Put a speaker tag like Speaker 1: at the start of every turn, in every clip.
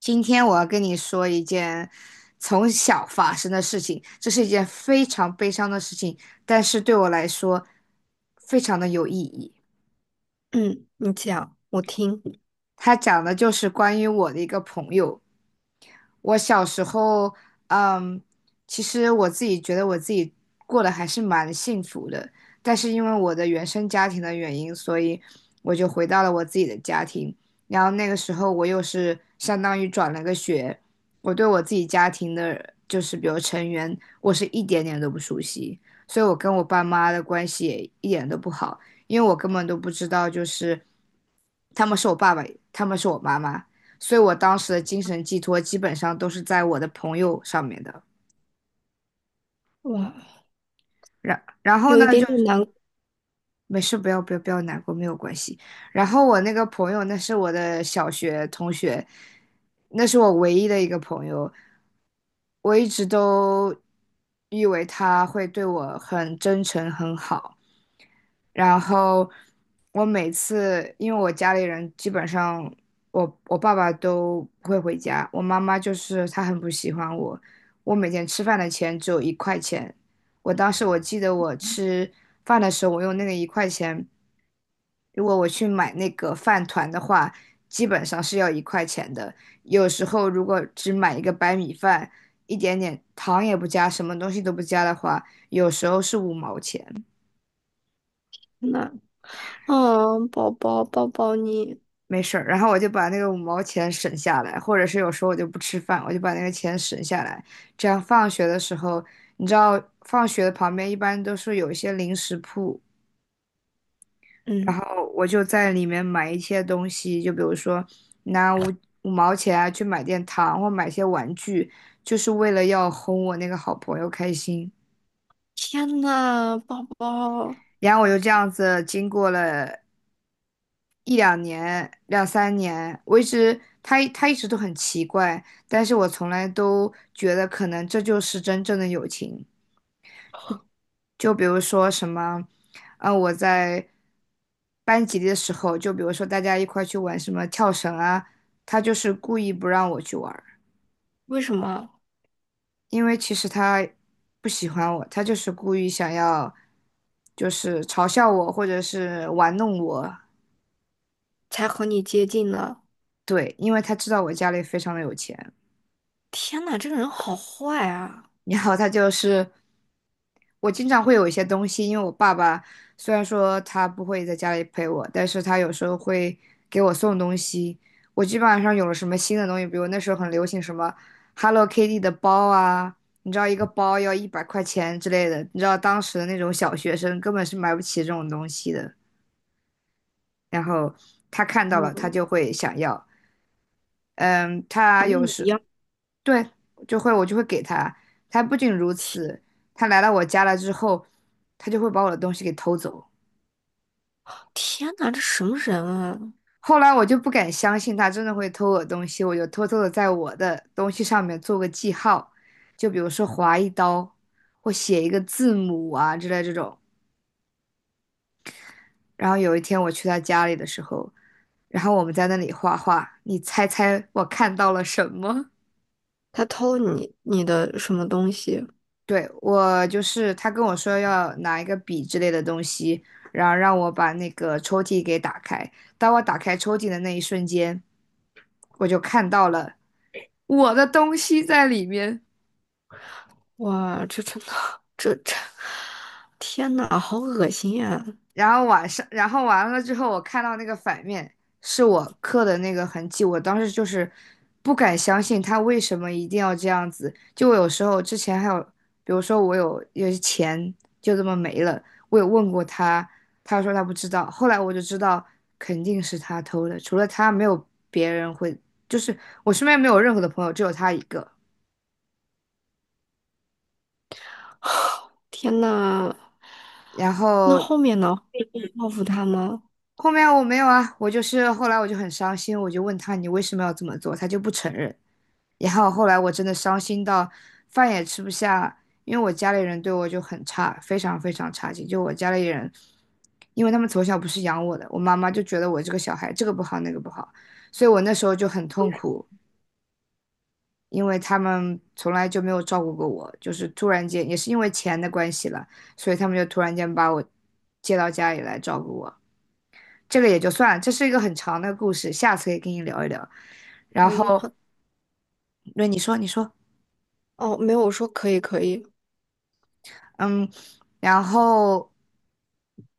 Speaker 1: 今天我要跟你说一件从小发生的事情，这是一件非常悲伤的事情，但是对我来说非常的有意义。
Speaker 2: 嗯，你讲，我听。
Speaker 1: 它讲的就是关于我的一个朋友，我小时候，嗯，其实我自己觉得我自己过得还是蛮幸福的，但是因为我的原生家庭的原因，所以我就回到了我自己的家庭。然后那个时候我又是相当于转了个学，我对我自己家庭的，就是比如成员，我是一点点都不熟悉，所以我跟我爸妈的关系也一点都不好，因为我根本都不知道就是他们是我爸爸，他们是我妈妈。所以我当时的精神寄托基本上都是在我的朋友上面的。
Speaker 2: 哇，
Speaker 1: 然后
Speaker 2: 有一
Speaker 1: 呢，
Speaker 2: 点点难过
Speaker 1: 没事，不要不要不要难过，没有关系。然后我那个朋友，那是我的小学同学，那是我唯一的一个朋友。我一直都以为他会对我很真诚、很好，然后我每次，因为我家里人基本上我爸爸都不会回家，我妈妈就是她很不喜欢我。我每天吃饭的钱只有一块钱，我当时我记得我吃饭的时候，我用那个一块钱，如果我去买那个饭团的话，基本上是要一块钱的。有时候如果只买一个白米饭，一点点糖也不加，什么东西都不加的话，有时候是五毛钱。
Speaker 2: 呢。啊，宝宝，抱抱你。
Speaker 1: 没事儿，然后我就把那个五毛钱省下来，或者是有时候我就不吃饭，我就把那个钱省下来，这样放学的时候，你知道放学的旁边一般都是有一些零食铺，然
Speaker 2: 嗯，
Speaker 1: 后我就在里面买一些东西，就比如说拿五毛钱啊去买点糖或买些玩具，就是为了要哄我那个好朋友开心。
Speaker 2: 天呐，宝宝，
Speaker 1: 然后我就这样子经过了一两年、两三年，我一直他一直都很奇怪，但是我从来都觉得可能这就是真正的友情。就比如说什么，我在班级里的时候，就比如说大家一块去玩什么跳绳啊，他就是故意不让我去玩儿。
Speaker 2: 为什么
Speaker 1: 因为其实他不喜欢我，他就是故意想要就是嘲笑我或者是玩弄我。
Speaker 2: 才和你接近呢？
Speaker 1: 对，因为他知道我家里非常的有钱。
Speaker 2: 天呐，这个人好坏啊！
Speaker 1: 然后他就是我经常会有一些东西，因为我爸爸虽然说他不会在家里陪我，但是他有时候会给我送东西。我基本上有了什么新的东西，比如那时候很流行什么 Hello Kitty 的包啊，你知道一个包要100块钱之类的，你知道当时的那种小学生根本是买不起这种东西的。然后他看到了，他
Speaker 2: 嗯，
Speaker 1: 就会想要。嗯，他
Speaker 2: 咱
Speaker 1: 有
Speaker 2: 你一
Speaker 1: 时
Speaker 2: 样。
Speaker 1: 对，我就会给他。他不仅如此，他来到我家了之后，他就会把我的东西给偷走。
Speaker 2: 天呐，这什么人啊？
Speaker 1: 后来我就不敢相信他真的会偷我东西，我就偷偷的在我的东西上面做个记号，就比如说划一刀，或写一个字母啊之类这种。然后有一天我去他家里的时候，然后我们在那里画画，你猜猜我看到了什么？
Speaker 2: 他偷你的什么东西？
Speaker 1: 对，我就是他跟我说要拿一个笔之类的东西，然后让我把那个抽屉给打开。当我打开抽屉的那一瞬间，我就看到了我的东西在里面。
Speaker 2: 哇，这真的，这这，天呐，好恶心呀、
Speaker 1: 然后晚上，然后完了之后，我看到那个反面是我刻的那个痕迹，我当时就是不敢相信他为什么一定要这样子。就我有时候之前还有，比如说我有些钱就这么没了，我有问过他，他说他不知道。后来我就知道肯定是他偷的，除了他没有别人会，就是我身边没有任何的朋友，只有他一个。
Speaker 2: 天呐，
Speaker 1: 然
Speaker 2: 那
Speaker 1: 后
Speaker 2: 后面呢？报复他吗？
Speaker 1: 后面我没有啊，我就是后来我就很伤心，我就问他你为什么要这么做，他就不承认。然后后来我真的伤心到饭也吃不下，因为我家里人对我就很差，非常非常差劲。就我家里人，因为他们从小不是养我的，我妈妈就觉得我这个小孩这个不好那个不好，所以我那时候就很痛苦，因为他们从来就没有照顾过我，就是突然间也是因为钱的关系了，所以他们就突然间把我接到家里来照顾我。这个也就算了，这是一个很长的故事，下次可以跟你聊一聊。然
Speaker 2: 可以，
Speaker 1: 后，
Speaker 2: 哼
Speaker 1: 那你说，你说。
Speaker 2: 哦，没有，我说可以，可以。
Speaker 1: 嗯，然后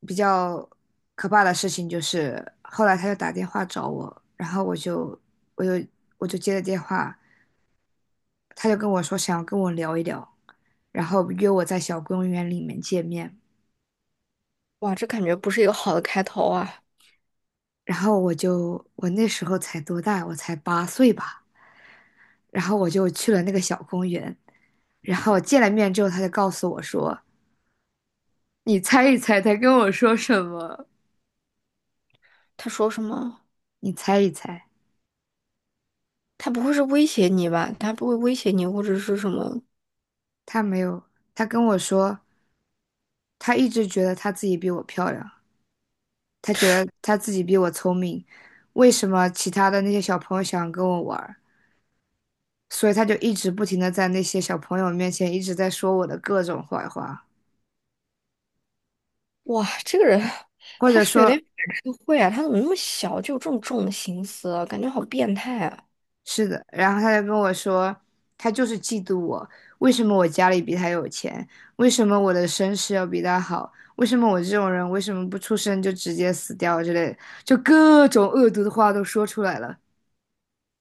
Speaker 1: 比较可怕的事情就是，后来他就打电话找我，然后我就我就接了电话，他就跟我说想要跟我聊一聊，然后约我在小公园里面见面，
Speaker 2: 哇，这感觉不是一个好的开头啊。
Speaker 1: 然后我那时候才多大，我才八岁吧，然后我就去了那个小公园，然后见了面之后，他就告诉我说，你猜一猜他跟我说什么？
Speaker 2: 他说什么？
Speaker 1: 你猜一猜，
Speaker 2: 他不会是威胁你吧？他不会威胁你，或者是什么？
Speaker 1: 他没有，他跟我说。他一直觉得他自己比我漂亮，他觉得他自己比我聪明。为什么其他的那些小朋友想跟我玩儿？所以他就一直不停的在那些小朋友面前一直在说我的各种坏话，
Speaker 2: 哇，这个人，
Speaker 1: 或
Speaker 2: 他
Speaker 1: 者
Speaker 2: 是不是有点
Speaker 1: 说
Speaker 2: 反社会啊？他怎么那么小就有这种重的心思啊，感觉好变态啊！
Speaker 1: 是的。然后他就跟我说，他就是嫉妒我，为什么我家里比他有钱？为什么我的身世要比他好？为什么我这种人为什么不出生就直接死掉之类的，就各种恶毒的话都说出来了。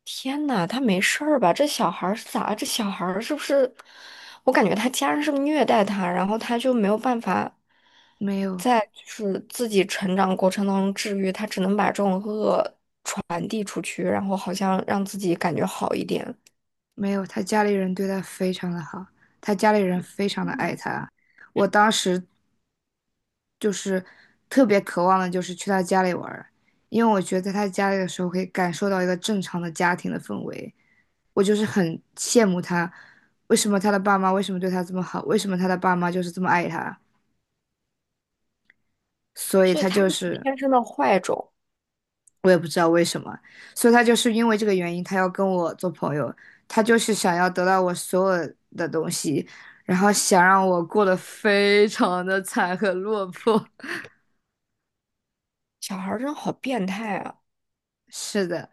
Speaker 2: 天呐，他没事儿吧？这小孩儿是咋了？这小孩儿是不是？我感觉他家人是不是虐待他，然后他就没有办法
Speaker 1: 没有，
Speaker 2: 在就是自己成长过程当中治愈，他只能把这种恶。然后好像让自己感觉好一点。
Speaker 1: 没有，他家里人对他非常的好，他家里人非常的
Speaker 2: 天
Speaker 1: 爱
Speaker 2: 呐，
Speaker 1: 他。我当时就是特别渴望的，就是去他家里玩儿，因为我觉得在他家里的时候可以感受到一个正常的家庭的氛围。我就是很羡慕他，为什么他的爸妈为什么对他这么好，为什么他的爸妈就是这么爱他，所以
Speaker 2: 所以
Speaker 1: 他
Speaker 2: 他
Speaker 1: 就
Speaker 2: 就是
Speaker 1: 是
Speaker 2: 天生的坏种。
Speaker 1: 我也不知道为什么，所以他就是因为这个原因，他要跟我做朋友，他就是想要得到我所有的东西，然后想让我过得非常的惨和落魄。
Speaker 2: 小孩儿真好变态啊。
Speaker 1: 是的，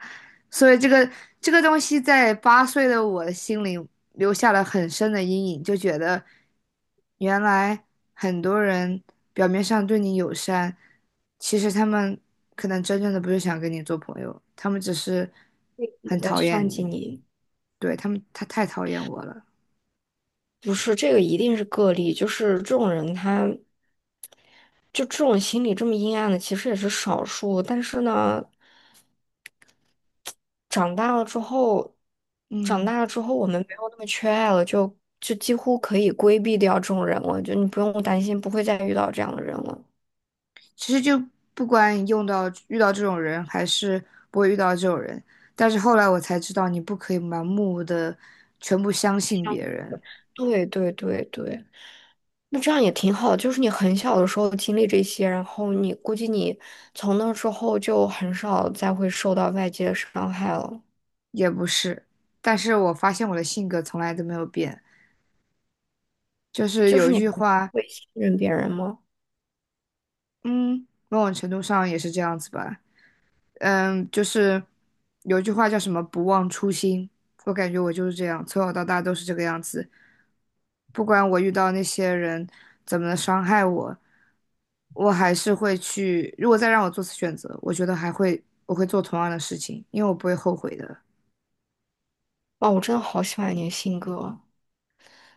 Speaker 1: 所以这个东西在八岁的我的心里留下了很深的阴影，就觉得原来很多人表面上对你友善，其实他们可能真正的不是想跟你做朋友，他们只是
Speaker 2: 也
Speaker 1: 很
Speaker 2: 在
Speaker 1: 讨厌
Speaker 2: 算计
Speaker 1: 你。
Speaker 2: 你。
Speaker 1: 对，他们，他太讨厌我了。
Speaker 2: 不是，这个一定是个例，就是这种人他，就这种心理这么阴暗的，其实也是少数。但是呢，长大了之后，长
Speaker 1: 嗯，
Speaker 2: 大了之后，我们没有那么缺爱了，就几乎可以规避掉这种人了，就你不用担心不会再遇到这样的人了。
Speaker 1: 其实就不管你用到遇到这种人，还是不会遇到这种人，但是后来我才知道，你不可以盲目的全部相信别人，
Speaker 2: 对对对对。那这样也挺好，就是你很小的时候经历这些，然后你估计你从那之后就很少再会受到外界的伤害了。
Speaker 1: 也不是。但是我发现我的性格从来都没有变，就是
Speaker 2: 就
Speaker 1: 有
Speaker 2: 是
Speaker 1: 一
Speaker 2: 你还
Speaker 1: 句话，
Speaker 2: 会信任别人吗？
Speaker 1: 嗯，某种程度上也是这样子吧。嗯，就是有一句话叫什么“不忘初心”，我感觉我就是这样，从小到大都是这个样子。不管我遇到那些人怎么伤害我，我还是会去。如果再让我做次选择，我觉得还会，我会做同样的事情，因为我不会后悔的。
Speaker 2: 哇，我真的好喜欢你的性格啊。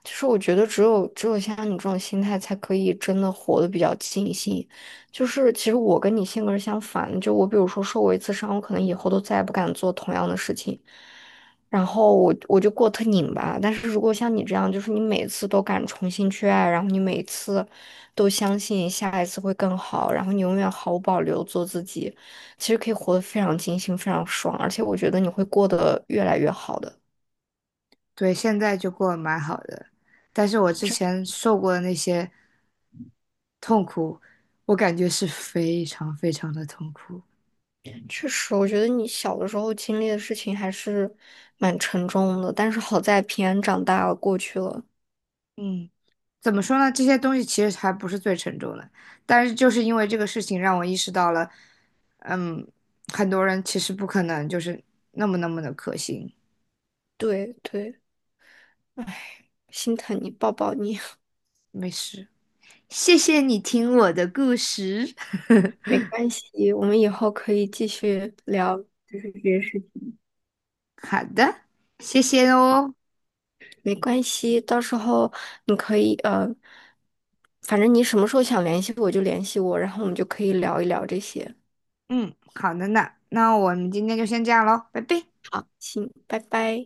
Speaker 2: 其实我觉得只有像你这种心态，才可以真的活得比较尽兴。就是其实我跟你性格是相反的，就我比如说受过一次伤，我可能以后都再也不敢做同样的事情，然后我就过得特拧巴。但是如果像你这样，就是你每次都敢重新去爱，然后你每次都相信下一次会更好，然后你永远毫无保留做自己，其实可以活得非常尽兴，非常爽，而且我觉得你会过得越来越好的。
Speaker 1: 对，现在就过得蛮好的，但是我之前受过的那些痛苦，我感觉是非常非常的痛苦。
Speaker 2: 确实，我觉得你小的时候经历的事情还是蛮沉重的，但是好在平安长大了，过去了。
Speaker 1: 嗯，怎么说呢？这些东西其实还不是最沉重的，但是就是因为这个事情让我意识到了，嗯，很多人其实不可能就是那么那么的可信。
Speaker 2: 对对，唉，心疼你，抱抱你。
Speaker 1: 没事，谢谢你听我的故事。
Speaker 2: 没关系，我们以后可以继续聊，就是这些事情。
Speaker 1: 好的，谢谢哦。
Speaker 2: 没关系，到时候你可以反正你什么时候想联系我就联系我，然后我们就可以聊一聊这些。
Speaker 1: 嗯，好的呢，那我们今天就先这样喽，拜拜。
Speaker 2: 好，行，拜拜。